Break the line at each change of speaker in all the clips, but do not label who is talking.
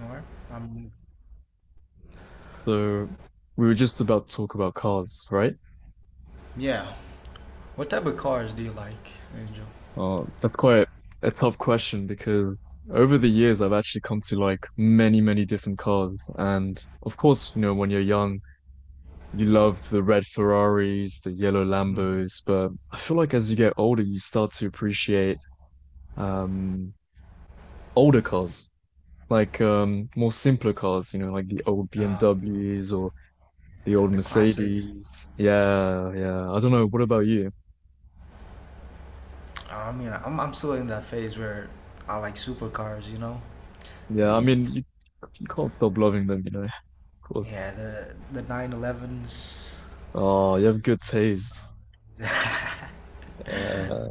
All right. Um,
So we were just about to talk about cars, right?
yeah. What type of cars do you like, Angel?
That's quite a tough question because over the years I've actually come to like many, many different cars. And of course, you know, when you're young, you love the red Ferraris, the yellow
Mhm.
Lambos, but I feel like as you get older, you start to appreciate um older cars, like more simpler cars, you know, like the old
Uh,
BMWs or the old
the classics.
Mercedes. Yeah, yeah. I don't know. What about you?
I mean, I'm still in that phase where I like supercars. You know,
Yeah, I
the
mean, you can't stop loving them, you know, of course.
the 911s.
Oh, you have good taste. Uh,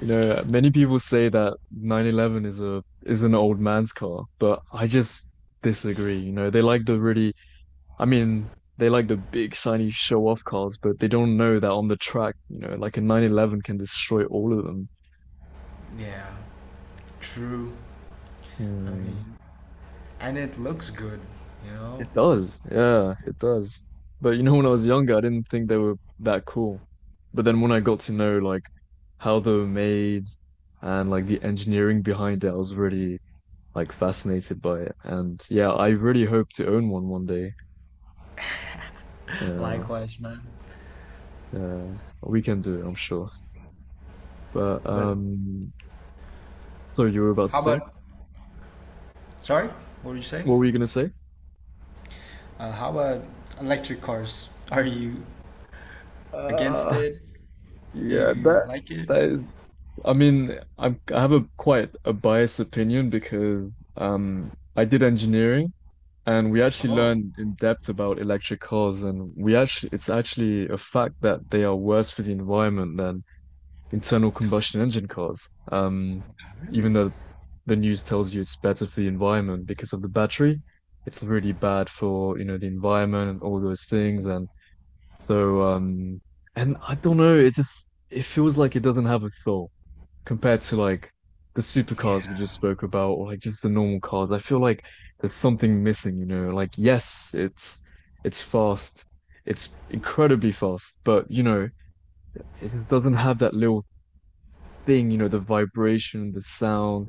you know, many people say that 911 is a is an old man's car, but I just disagree. You know, they like the really, I mean, they like the big shiny show-off cars, but they don't know that on the track, you know, like a 911 can destroy all of them.
Yeah, true. I
Hmm.
mean, and it looks good. You know.
It does. Yeah, it does. But you know, when I was younger, I didn't think they were that cool. But then when I got to know like how they were made and like the engineering behind it, I was really like fascinated by it. And yeah, I really hope to own one one day. Yeah,
Likewise, man.
yeah, we can do it, I'm sure. But
But
um, so you were about to
how
say?
about? Sorry, what did you say?
What were you gonna say?
How about electric cars? Are you against
Uh,
it? Do
yeah,
you
that
like it?
that is. I mean, I have a quite a biased opinion because I did engineering and we actually
Oh.
learned in depth about electric cars and we actually it's actually a fact that they are worse for the environment than internal combustion engine cars.
Really?
Even though the news tells you it's better for the environment because of the battery, it's really bad for, you know, the environment and all those things. And so and I don't know, it feels like it doesn't have a soul compared to like the supercars we
Yeah.
just spoke about or like just the normal cars. I feel like there's something missing, you know. Like yes, it's fast. It's incredibly fast, but you know, it just doesn't have that little thing, you know, the vibration, the sound.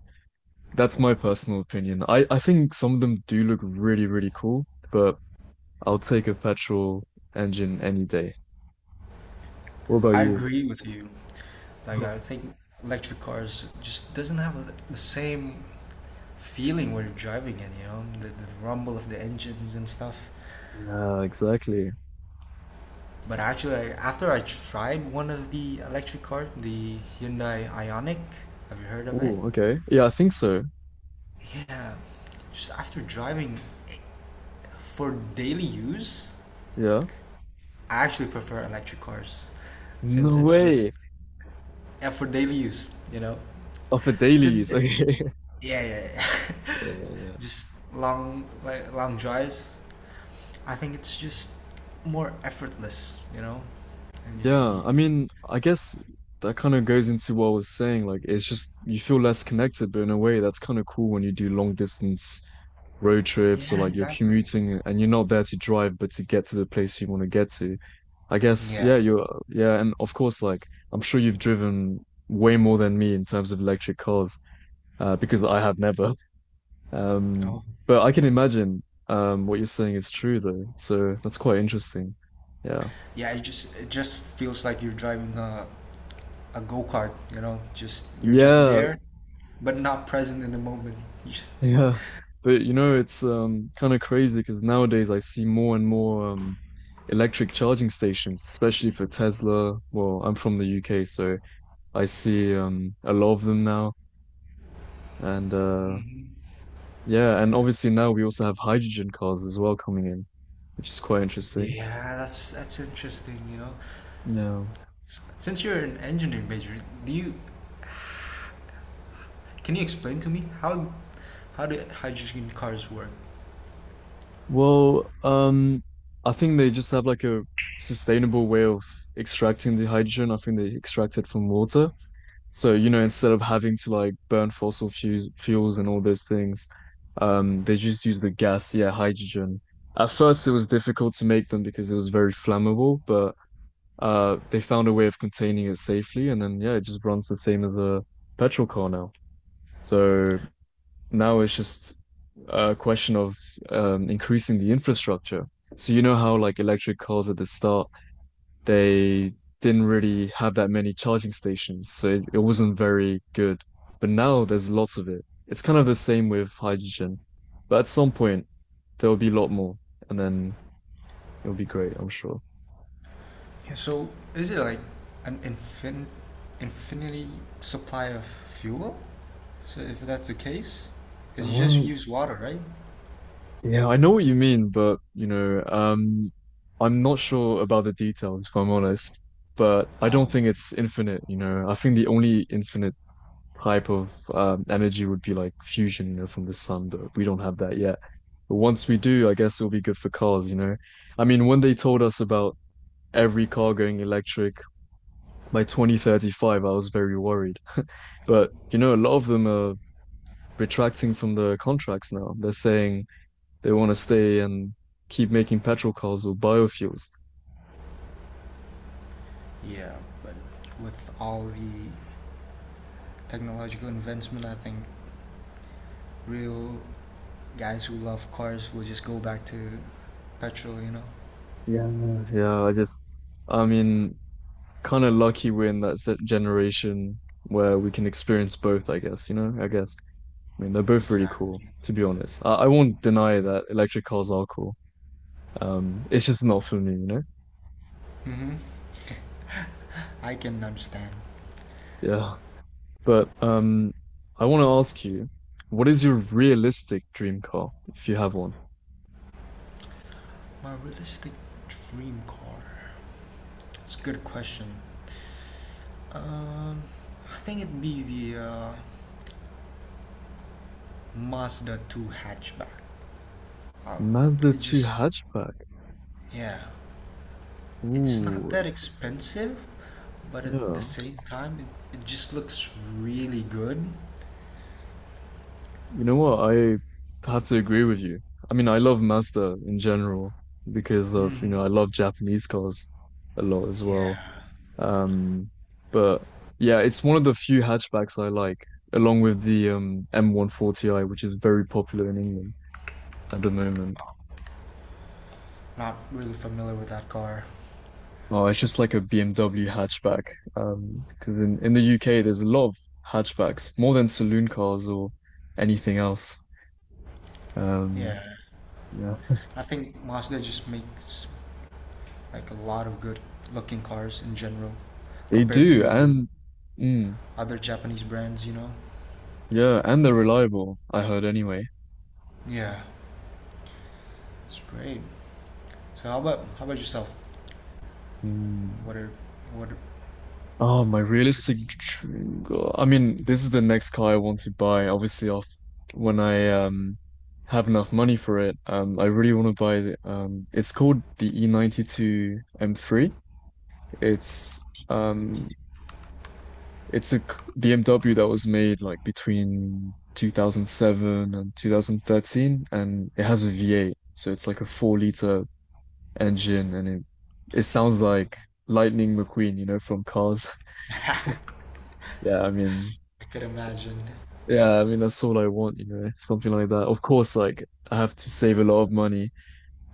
That's my personal opinion. I think some of them do look really, really cool, but I'll take a petrol engine any day. What about
I
you?
agree with you. Like I think electric cars just doesn't have the same feeling when you're driving it, you know, the rumble of the engines and stuff.
Yeah, exactly.
But actually, I, after I tried one of the electric cars, the Hyundai Ioniq. Have you heard of it?
Oh, okay. Yeah, I think so.
Yeah, just after driving it for daily use,
Yeah.
I actually prefer electric cars since
No
it's just
way.
yeah, for daily use, you know.
Oh, for
Since
dailies.
it's
Okay.
yeah, yeah, yeah,
Uh,
just long like long drives. I think it's just more effortless, you know. And you see,
yeah. I mean, I guess that kind of goes into what I was saying. Like, it's just you feel less connected, but in a way, that's kind of cool when you do long distance road trips or
yeah,
like you're
exactly.
commuting and you're not there to drive, but to get to the place you want to get to. I guess,
Yeah.
yeah, you're, yeah. And of course, like, I'm sure you've driven way more than me in terms of electric cars, because I have never. Um,
Oh.
but I can imagine what you're saying is true though. So that's quite interesting. Yeah.
Yeah, it just feels like you're driving a go-kart, you know. Just you're just
Yeah.
there, but not present in the moment. You just-
Yeah. But you know, it's kind of crazy because nowadays I see more and more electric charging stations, especially for Tesla. Well, I'm from the UK, so I see a lot of them now. And yeah, and obviously now we also have hydrogen cars as well coming in, which is quite interesting.
Yeah, that's interesting, you know.
Yeah.
Since you're an engineering major, do you, can you explain to me how do hydrogen cars work?
Well, I think they just have like a sustainable way of extracting the hydrogen. I think they extract it from water. So, you know, instead of having to like burn fossil fu fuels and all those things, they just use the gas, yeah, hydrogen. At first, it was difficult to make them because it was very flammable, but they found a way of containing it safely, and then yeah, it just runs the same as a petrol car now. So now it's just a question of increasing the infrastructure. So you know how like electric cars at the start, they didn't really have that many charging stations, so it wasn't very good. But now there's lots of it. It's kind of the same with hydrogen, but at some point there'll be a lot more, and then it'll be great, I'm sure.
Yeah. So is it like an infinity supply of fuel? So if that's the case, because you just
Ah,
use water, right?
yeah, I know what you mean, but you know, I'm not sure about the details, if I'm honest. But I don't think it's infinite, you know. I think the only infinite type of energy would be like fusion, you know, from the sun, but we don't have that yet. But once we do, I guess it'll be good for cars, you know. I mean, when they told us about every car going electric by 2035, I was very worried. But you know, a lot of them are retracting from the contracts now. They're saying they want to stay and keep making petrol cars or biofuels.
Yeah, but with all the technological advancement, I think real guys who love cars will just go back to petrol. You know,
Yeah, yeah. I just, I mean, kind of lucky we're in that generation where we can experience both, I guess, you know, I guess. I mean, they're both really cool,
exactly.
to be honest. I won't deny that electric cars are cool. It's just not for me, you know?
I can understand.
Yeah. But I want to ask you, what is your realistic dream car if you have one?
My realistic dream car. It's a good question. Um, I think it'd be the Mazda 2 hatchback. Um,
Mazda
it
2
just,
hatchback.
yeah, it's not
Ooh,
that expensive, but at the
yeah.
same time, it just looks really good.
You know what? I have to agree with you. I mean, I love Mazda in general because of, you know,
Hmm.
I love Japanese cars a lot as well.
Yeah,
Um, but yeah, it's one of the few hatchbacks I like, along with the M140i, which is very popular in England at the moment.
not really familiar with that car.
Oh, it's just like a BMW hatchback. Because in the UK there's a lot of hatchbacks, more than saloon cars or anything else. Um,
Yeah,
yeah,
I think Mazda just makes like a lot of good looking cars in general
they
compared
do,
to
and. Mm,
other Japanese brands, you know?
yeah, and they're reliable, I heard anyway.
Yeah, it's great. So how about yourself?
Mm.
What are what are-
Oh, my
what is
realistic
the
dream car. I mean, this is the next car I want to buy. Obviously, off when I have enough money for it. I really want to buy it's called the E92 M3. It's um it's a BMW that was made like between 2007 and 2013 and it has a V8. So it's like a 4-liter engine and it sounds like Lightning McQueen, you know, from Cars. Yeah, I mean,
I could imagine.
yeah, I mean that's all I want, you know, something like that. Of course, like I have to save a lot of money,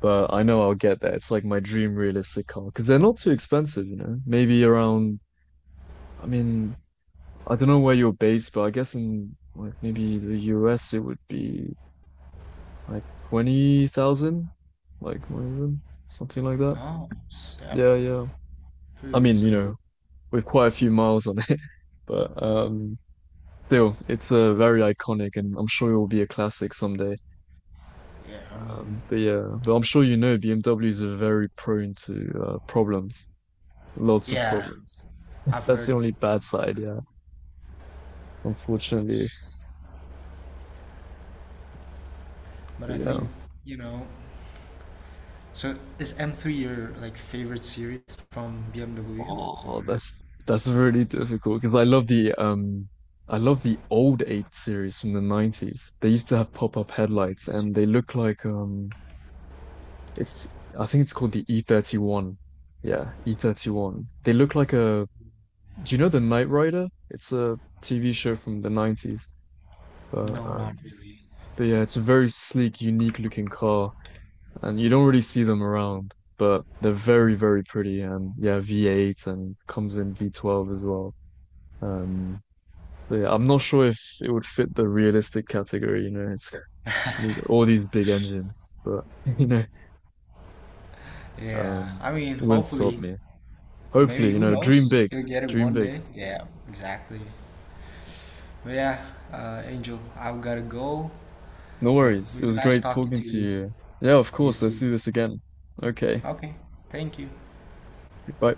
but I know I'll get there. It's like my dream realistic car because they're not too expensive, you know. Maybe around, I mean, I don't know where you're based, but I guess in like maybe the US it would be like 20,000, like one of them, something like that.
Oh, s- yeah,
Yeah, yeah.
pretty
I mean, you
reasonable.
know, with quite a few miles on it. But still, it's very iconic, and I'm sure it will be a classic someday.
Yeah, I mean,
But yeah, but I'm sure you know BMWs are very prone to problems, lots of
yeah,
problems.
I've
That's the
heard,
only bad side, yeah, unfortunately.
but
But
I
yeah,
think you know. So is M3 your like favorite series from BMW?
oh,
Or
that's really difficult because I love the old 8 series from the 90s. They used to have pop-up headlights and they look like It's I think it's called the E31. Yeah, E31. They look like a do you know the Knight Rider? It's a TV show from the 90s. But
no, not
um
really.
but yeah, it's a very sleek, unique looking car and you don't really see them around, but they're very, very pretty and yeah, V8 and comes in V12 as well. Um so yeah, I'm not sure if it would fit the realistic category, you know, it's these all these big engines, but you know,
Yeah,
um
I mean,
wouldn't stop
hopefully,
me.
maybe
Hopefully, you
who
know, dream
knows?
big,
You'll get it
dream
one
big.
day. Yeah, exactly. But yeah, Angel, I've gotta go.
No
But
worries. It
really
was
nice
great
talking
talking
to
to
you.
you. Yeah, of
You
course. Let's
too.
do this again. Okay.
Okay. Thank you.
Bye.